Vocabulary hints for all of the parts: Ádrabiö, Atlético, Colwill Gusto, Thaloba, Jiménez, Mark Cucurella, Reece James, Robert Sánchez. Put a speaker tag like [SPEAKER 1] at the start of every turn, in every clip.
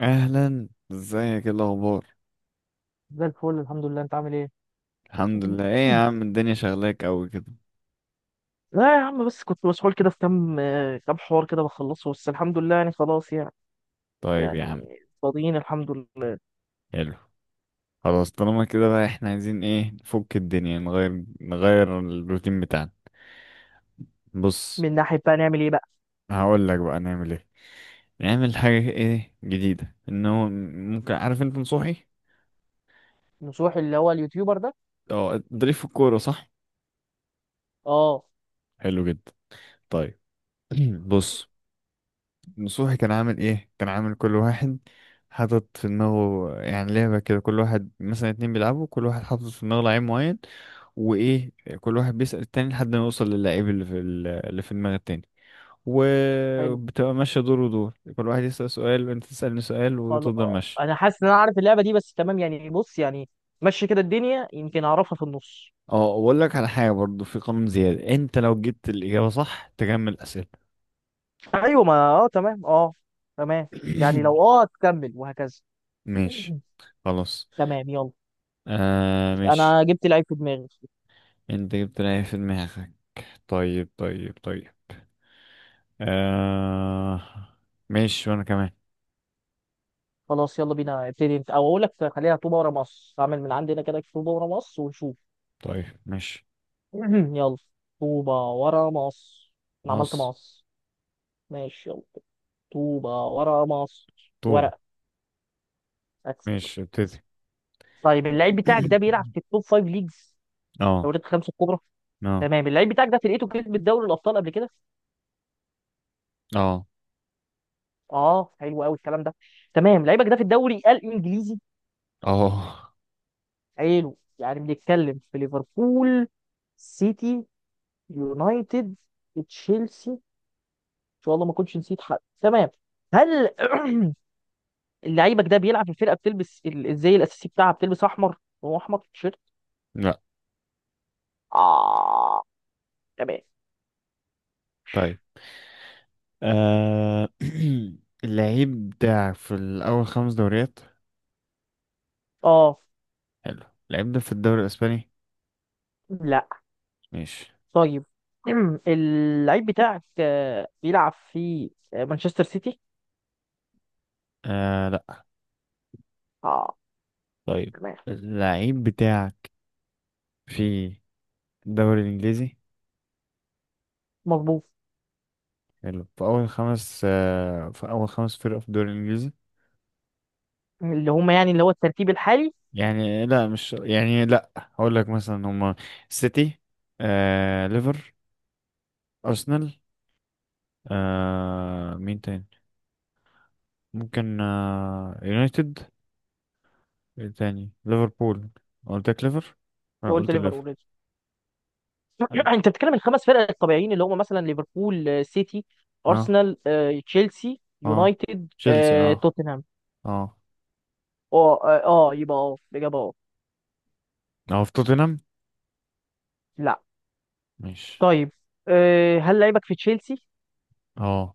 [SPEAKER 1] اهلا، ازيك؟ ايه الاخبار؟
[SPEAKER 2] زي الفل، الحمد لله. انت عامل ايه؟
[SPEAKER 1] الحمد لله. ايه يا عم، الدنيا شغلاك قوي كده؟
[SPEAKER 2] لا يا عم، بس كنت مسحول كده في كام كام حوار كده بخلصه، بس الحمد لله يعني خلاص يعني.
[SPEAKER 1] طيب يا عم.
[SPEAKER 2] يعني فاضيين الحمد لله.
[SPEAKER 1] حلو. خلاص طالما كده بقى، احنا عايزين ايه؟ نفك الدنيا، نغير نغير الروتين بتاعنا. بص.
[SPEAKER 2] من ناحية بقى نعمل ايه بقى؟
[SPEAKER 1] هقول لك بقى نعمل ايه. نعمل حاجة ايه جديدة، انه ممكن... عارف انت نصوحي؟
[SPEAKER 2] نصوح اللي هو اليوتيوبر ده؟
[SPEAKER 1] اه، ضريف في الكورة، صح؟
[SPEAKER 2] اه
[SPEAKER 1] حلو جدا. طيب. بص. نصوحي كان عامل ايه؟ كان عامل كل واحد حاطط في دماغه يعني لعبة كده. كل واحد، مثلا اتنين بيلعبوا، كل واحد حاطط في دماغه لعيب معين. وايه، كل واحد بيسأل التاني لحد ما يوصل للعيب اللي في دماغ التاني.
[SPEAKER 2] حلو،
[SPEAKER 1] وبتبقى ماشية دور ودور، كل واحد يسأل سؤال، وانت تسألني سؤال،
[SPEAKER 2] خلاص.
[SPEAKER 1] وتفضل ماشي.
[SPEAKER 2] انا حاسس ان انا عارف اللعبة دي، بس تمام يعني، بص يعني مشي كده، الدنيا يمكن اعرفها في النص.
[SPEAKER 1] اه، اقول لك على حاجة برضو، في قانون زيادة، انت لو جبت الإجابة صح تكمل أسئلة.
[SPEAKER 2] ايوه، ما تمام اه. تمام، يعني لو تكمل وهكذا.
[SPEAKER 1] ماشي. خلاص.
[SPEAKER 2] تمام، يلا.
[SPEAKER 1] آه، ماشي.
[SPEAKER 2] انا جبت لعيب في دماغي.
[SPEAKER 1] انت جبت العيب في دماغك؟ طيب، طيب، طيب. آه، ماشي، وانا كمان.
[SPEAKER 2] خلاص يلا بينا، ابتدي انت او اقول لك خليها طوبه ورا مصر، اعمل من عندنا كده طوبه ورا مصر ونشوف.
[SPEAKER 1] طيب، ماشي.
[SPEAKER 2] يلا. طوبه ورا مصر. انا عملت
[SPEAKER 1] مصر.
[SPEAKER 2] مصر. ماشي يلا. طوبه ورا مصر.
[SPEAKER 1] طوب.
[SPEAKER 2] ورق. أكسب.
[SPEAKER 1] ماشي،
[SPEAKER 2] أكسب.
[SPEAKER 1] ابتدي.
[SPEAKER 2] طيب اللعيب بتاعك ده بيلعب في التوب فايف ليجز،
[SPEAKER 1] اه،
[SPEAKER 2] دوريات الخمسه الكبرى.
[SPEAKER 1] اه،
[SPEAKER 2] تمام، اللعيب بتاعك ده فرقته كسبت دوري الابطال قبل كده؟
[SPEAKER 1] اه،
[SPEAKER 2] اه حلو قوي الكلام ده. تمام، لعيبك ده في الدوري الانجليزي.
[SPEAKER 1] اه.
[SPEAKER 2] حلو، يعني بنتكلم في ليفربول، سيتي، يونايتد، تشيلسي. شاء الله ما كنتش نسيت حد. تمام. هل، لعيبك ده بيلعب في فرقه بتلبس الزي الاساسي بتاعها بتلبس احمر؟ هو احمر في التيشيرت؟
[SPEAKER 1] لا.
[SPEAKER 2] اه. تمام.
[SPEAKER 1] طيب. آه. اللعيب بتاعك في الأول خمس دوريات؟
[SPEAKER 2] اه.
[SPEAKER 1] حلو. اللعيب ده في الدوري الأسباني؟
[SPEAKER 2] لا.
[SPEAKER 1] ماشي.
[SPEAKER 2] طيب. اللعيب بتاعك بيلعب في مانشستر سيتي؟
[SPEAKER 1] آه، لا.
[SPEAKER 2] اه.
[SPEAKER 1] طيب.
[SPEAKER 2] تمام.
[SPEAKER 1] اللعيب بتاعك في الدوري الإنجليزي؟
[SPEAKER 2] مظبوط.
[SPEAKER 1] حلو، في أول خمس فرق في الدوري الإنجليزي؟
[SPEAKER 2] اللي هم يعني اللي هو الترتيب الحالي؟
[SPEAKER 1] يعني لا، مش يعني لا، هقول لك مثلا هما سيتي، ليفر، أرسنال، مين تاني؟ ممكن يونايتد. إيه تاني؟ ليفربول. قلت لك ليفر.
[SPEAKER 2] قلت
[SPEAKER 1] قلت ليفر.
[SPEAKER 2] ليفربول already.
[SPEAKER 1] اه،
[SPEAKER 2] انت بتتكلم الخمس فرق الطبيعيين اللي هم مثلا ليفربول، سيتي،
[SPEAKER 1] اه،
[SPEAKER 2] ارسنال، تشيلسي،
[SPEAKER 1] آه.
[SPEAKER 2] يونايتد،
[SPEAKER 1] تشيلسي. اه،
[SPEAKER 2] توتنهام.
[SPEAKER 1] اه،
[SPEAKER 2] يبقى الاجابه اه.
[SPEAKER 1] اه. في توتنهام؟
[SPEAKER 2] لا.
[SPEAKER 1] مش.
[SPEAKER 2] طيب، هل لعيبك في تشيلسي؟
[SPEAKER 1] اه،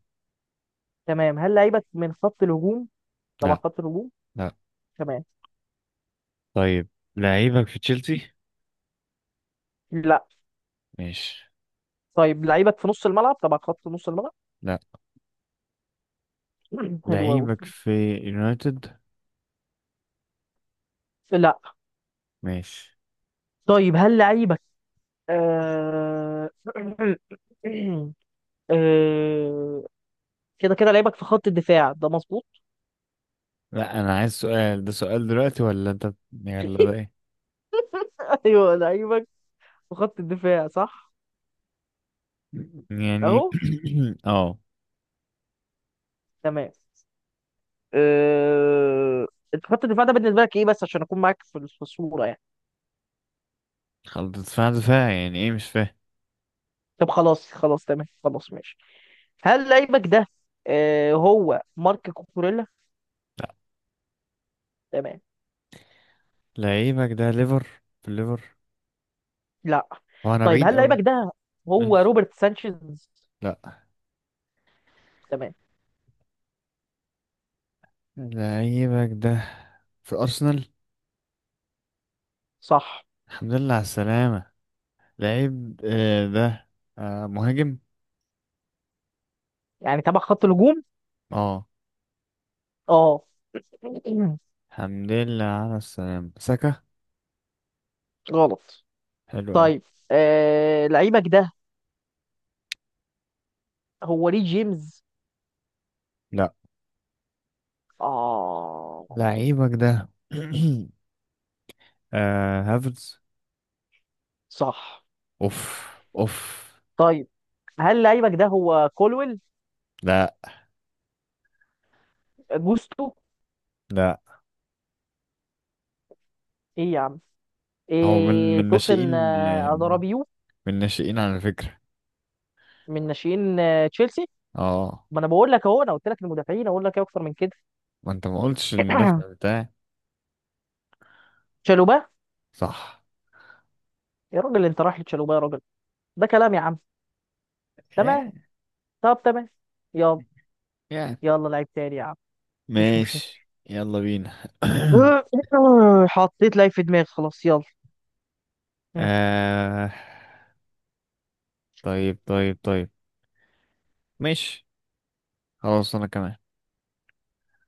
[SPEAKER 2] تمام، هل لعيبك من خط الهجوم؟ تبع
[SPEAKER 1] لا،
[SPEAKER 2] خط الهجوم.
[SPEAKER 1] لا.
[SPEAKER 2] تمام.
[SPEAKER 1] طيب. لعيبك في تشيلسي؟
[SPEAKER 2] لا.
[SPEAKER 1] مش.
[SPEAKER 2] طيب، لعيبك في نص الملعب، تبع خط نص الملعب؟
[SPEAKER 1] لا.
[SPEAKER 2] حلو قوي.
[SPEAKER 1] لعيبك في يونايتد؟
[SPEAKER 2] لا.
[SPEAKER 1] ماشي.
[SPEAKER 2] طيب هل لعيبك آه، آه، كده كده لعيبك في خط الدفاع ده مظبوط؟
[SPEAKER 1] لا، انا عايز سؤال. ده سؤال دلوقتي ولا انت؟ يلا، ده ايه
[SPEAKER 2] ايوه لعيبك في خط الدفاع صح.
[SPEAKER 1] يعني؟
[SPEAKER 2] اهو.
[SPEAKER 1] اه.
[SPEAKER 2] تمام. أه... انت خط الدفاع ده بالنسبه لك ايه بس، عشان اكون معاك في الصوره يعني؟
[SPEAKER 1] خلاص، دفاع دفاع يعني ايه؟ مش فاهم.
[SPEAKER 2] طب خلاص خلاص، تمام، خلاص ماشي. هل لعيبك ده أه هو مارك كوكوريلا؟
[SPEAKER 1] لا.
[SPEAKER 2] تمام.
[SPEAKER 1] لعيبك ده ليفر، في الليفر؟
[SPEAKER 2] لا.
[SPEAKER 1] هو انا
[SPEAKER 2] طيب،
[SPEAKER 1] بعيد
[SPEAKER 2] هل
[SPEAKER 1] اوي؟
[SPEAKER 2] لعيبك ده هو
[SPEAKER 1] ماشي.
[SPEAKER 2] روبرت سانشيز؟
[SPEAKER 1] لا.
[SPEAKER 2] تمام.
[SPEAKER 1] لعيبك ده في ارسنال؟
[SPEAKER 2] صح.
[SPEAKER 1] الحمد لله على السلامة. لعيب ده مهاجم؟
[SPEAKER 2] يعني تبع خط الهجوم؟
[SPEAKER 1] اه.
[SPEAKER 2] اه.
[SPEAKER 1] الحمد لله على السلامة. ساكا؟
[SPEAKER 2] غلط.
[SPEAKER 1] حلو اوي.
[SPEAKER 2] طيب أه... لعيبك ده هو ري جيمز؟
[SPEAKER 1] لا.
[SPEAKER 2] اه.
[SPEAKER 1] لعيبك ده هافرز؟
[SPEAKER 2] صح.
[SPEAKER 1] اوف، اوف.
[SPEAKER 2] طيب، هل لعيبك ده هو كولويل؟
[SPEAKER 1] لا،
[SPEAKER 2] جوستو؟
[SPEAKER 1] لا.
[SPEAKER 2] ايه يا عم؟
[SPEAKER 1] هو من
[SPEAKER 2] إيه
[SPEAKER 1] من ناشئين،
[SPEAKER 2] توسن، ادرابيو؟
[SPEAKER 1] من ناشئين على فكرة.
[SPEAKER 2] من ناشئين تشيلسي؟
[SPEAKER 1] اه.
[SPEAKER 2] ما انا بقول لك، اهو انا قلت لك المدافعين، اقول لك ايه اكتر من كده؟
[SPEAKER 1] ما انت ما قلتش المدافع بتاعي،
[SPEAKER 2] تشالوبا.
[SPEAKER 1] صح؟
[SPEAKER 2] يا راجل، انت رايح لتشالوبا يا راجل. ده كلام يا عم. تمام.
[SPEAKER 1] يعني،
[SPEAKER 2] طب تمام. يلا.
[SPEAKER 1] يعني
[SPEAKER 2] يلا لعيب تاني يا عم. مفيش مشاكل.
[SPEAKER 1] ماشي، يلا بينا.
[SPEAKER 2] حطيت لعيب في دماغي خلاص، يلا. مم.
[SPEAKER 1] آه، طيب، طيب، طيب. ماشي، خلاص، انا كمان.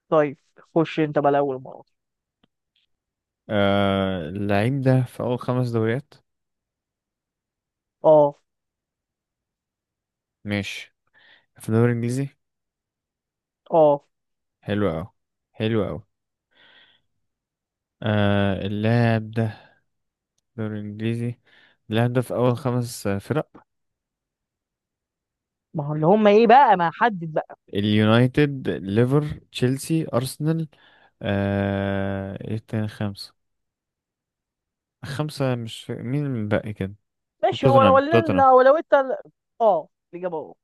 [SPEAKER 2] طيب خش انت بقى الاول مره.
[SPEAKER 1] آه، اللعيب ده في اول خمس دوريات.
[SPEAKER 2] اه.
[SPEAKER 1] ماشي، في الدوري الانجليزي.
[SPEAKER 2] اه.
[SPEAKER 1] حلو اوي، حلو اوي. آه، اللاعب ده في الدوري الانجليزي. اللاعب ده في اول خمس فرق.
[SPEAKER 2] ما هو اللي هم ايه بقى، ما حدد بقى.
[SPEAKER 1] اليونايتد، ليفر، تشيلسي، ارسنال، ايه تاني خمسة؟ خمسة، مش فا- مين اللي باقي كده؟
[SPEAKER 2] ماشي، هو لو
[SPEAKER 1] توتنهام، توتنهام.
[SPEAKER 2] انت، اه الاجابه اه.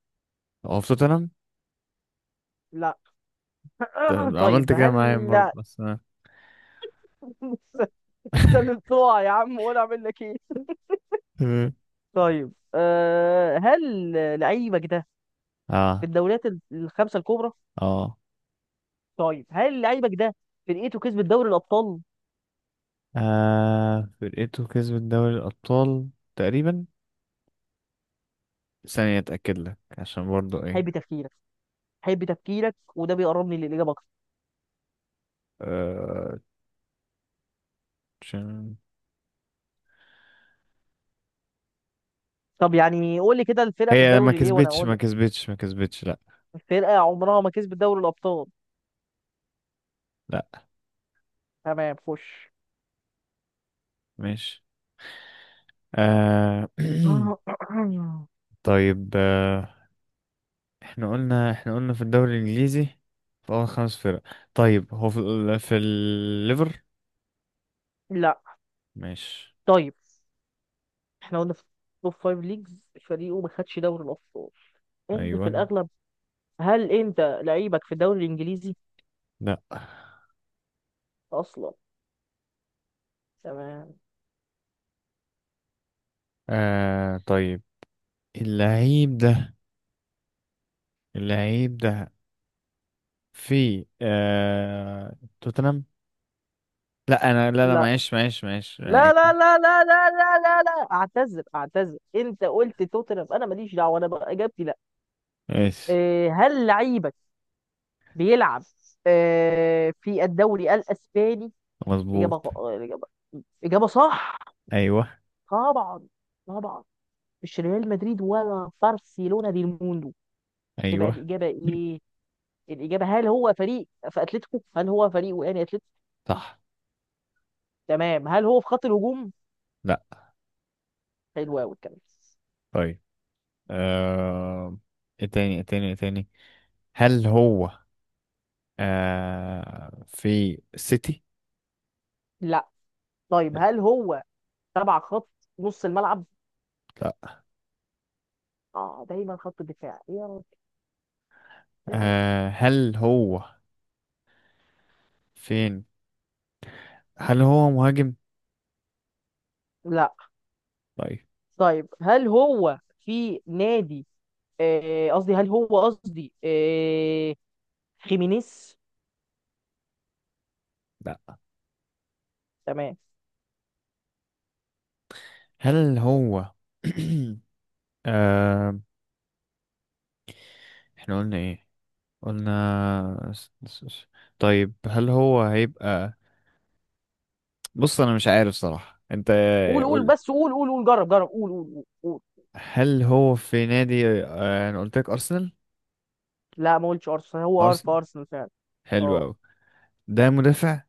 [SPEAKER 1] هو في توتنهام؟
[SPEAKER 2] لا.
[SPEAKER 1] طب عملت
[SPEAKER 2] طيب
[SPEAKER 1] كده معايا برضه
[SPEAKER 2] هل.
[SPEAKER 1] بس انا...
[SPEAKER 2] انت اللي بتوع يا عم، وانا اعمل لك ايه؟
[SPEAKER 1] مم.
[SPEAKER 2] طيب أه، هل لعيبك ده في
[SPEAKER 1] اه،
[SPEAKER 2] الدوريات الخمسه الكبرى؟
[SPEAKER 1] اه.
[SPEAKER 2] طيب، هل لعيبك ده فرقته كسبت دوري الابطال؟
[SPEAKER 1] آه، فرقته كسبت دوري الأبطال تقريبا. ثانية أتأكد لك، عشان برضو
[SPEAKER 2] حب
[SPEAKER 1] ايه.
[SPEAKER 2] تفكيرك. حب تفكيرك وده بيقربني للاجابه اكتر.
[SPEAKER 1] آه... عشان-
[SPEAKER 2] طب يعني قول لي كده الفرقه في
[SPEAKER 1] هي ما
[SPEAKER 2] الدوري ليه وانا
[SPEAKER 1] كسبتش،
[SPEAKER 2] اقول
[SPEAKER 1] ما
[SPEAKER 2] لك.
[SPEAKER 1] كسبتش، ما كسبتش. لا.
[SPEAKER 2] الفرقه عمرها ما كسبت دوري الابطال.
[SPEAKER 1] لا،
[SPEAKER 2] تمام خش.
[SPEAKER 1] ماشي. آه... طيب، آه، احنا قلنا في الدوري الانجليزي، في اول خمس فرق. طيب، هو في في الليفر؟
[SPEAKER 2] لا.
[SPEAKER 1] ماشي.
[SPEAKER 2] طيب. احنا قلنا في توب فايف ليجز فريقه ما خدش دوري الابطال، انت
[SPEAKER 1] ايوه.
[SPEAKER 2] في الاغلب، هل انت لعيبك في الدوري الانجليزي
[SPEAKER 1] لا.
[SPEAKER 2] اصلا؟ تمام.
[SPEAKER 1] آه، طيب، اللعيب ده اللعيب ده في توتنهام. لا، انا، لا، لا،
[SPEAKER 2] لا
[SPEAKER 1] معلش، معلش، معلش،
[SPEAKER 2] لا لا لا لا لا لا لا لا، اعتذر اعتذر، انت قلت توتنهام انا ماليش دعوه، انا بقى اجابتي لا.
[SPEAKER 1] ماشي.
[SPEAKER 2] إيه، هل لعيبك بيلعب إيه في الدوري الاسباني؟ اجابه
[SPEAKER 1] مظبوط،
[SPEAKER 2] غ- آه، اجابه. اجابه صح.
[SPEAKER 1] ايوه،
[SPEAKER 2] طبعا. طبعا. مش ريال مدريد ولا برشلونه دي الموندو. تبقى
[SPEAKER 1] ايوه،
[SPEAKER 2] الاجابه ايه؟ الاجابه، هل هو فريق في اتلتيكو، هل هو فريق وقاني اتلتيكو؟
[SPEAKER 1] صح.
[SPEAKER 2] تمام، هل هو في خط الهجوم؟
[SPEAKER 1] لا.
[SPEAKER 2] حلو قوي الكلام.
[SPEAKER 1] طيب، آه، ايه تاني، ايه تاني، ايه تاني؟ هل هو في سيتي؟
[SPEAKER 2] لا. طيب هل هو تبع خط نص الملعب؟
[SPEAKER 1] لا.
[SPEAKER 2] اه دايما خط الدفاع، ايه يا رب، ايه يا رب.
[SPEAKER 1] آه، هل هو فين؟ هل هو مهاجم؟
[SPEAKER 2] لا.
[SPEAKER 1] طيب.
[SPEAKER 2] طيب، هل هو في نادي قصدي، هل هو قصدي خيمينيز؟
[SPEAKER 1] لا.
[SPEAKER 2] تمام.
[SPEAKER 1] هل هو آه، احنا قلنا ايه؟ قلنا طيب، هل هو هيبقى... بص، انا مش عارف صراحة انت.
[SPEAKER 2] قول قول
[SPEAKER 1] قول.
[SPEAKER 2] بس، قول قول قول، جرب جرب، قول قول قول قول.
[SPEAKER 1] هل هو في نادي... انا قلت لك ارسنال.
[SPEAKER 2] لا ما قلتش ارسنال، هو في
[SPEAKER 1] ارسنال.
[SPEAKER 2] ارسنال فعلا.
[SPEAKER 1] حلو
[SPEAKER 2] اه.
[SPEAKER 1] قوي. ده مدافع.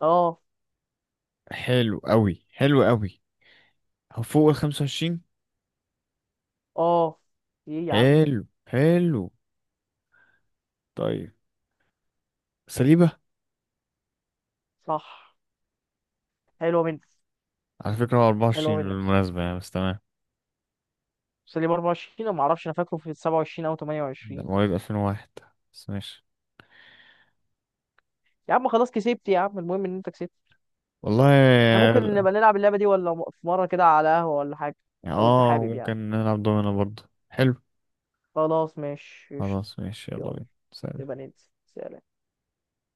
[SPEAKER 2] اه.
[SPEAKER 1] حلو قوي، حلو قوي. هو فوق ال 25؟
[SPEAKER 2] اه. ايه يا عم.
[SPEAKER 1] حلو، حلو. طيب، سليبة.
[SPEAKER 2] صح. حلو منك.
[SPEAKER 1] على فكرة هو
[SPEAKER 2] حلو
[SPEAKER 1] 24
[SPEAKER 2] منك.
[SPEAKER 1] بالمناسبة، يعني بس تمام.
[SPEAKER 2] سليم 24، ما اعرفش انا فاكره في 27 او
[SPEAKER 1] ده
[SPEAKER 2] 28.
[SPEAKER 1] مواليد 2001، بس ماشي.
[SPEAKER 2] يا عم خلاص كسبت يا عم، المهم ان انت كسبت. احنا
[SPEAKER 1] والله.
[SPEAKER 2] ممكن نبقى نلعب اللعبة دي ولا في مرة كده على قهوة ولا حاجة؟
[SPEAKER 1] يعني
[SPEAKER 2] لو انت
[SPEAKER 1] اه،
[SPEAKER 2] حابب يعني.
[SPEAKER 1] ممكن نلعب دومينو برضه، حلو.
[SPEAKER 2] خلاص ماشي، قشطة.
[SPEAKER 1] خلاص، ماشي، يلا
[SPEAKER 2] يلا،
[SPEAKER 1] بينا. سلام.
[SPEAKER 2] نبقى ننزل، سلام.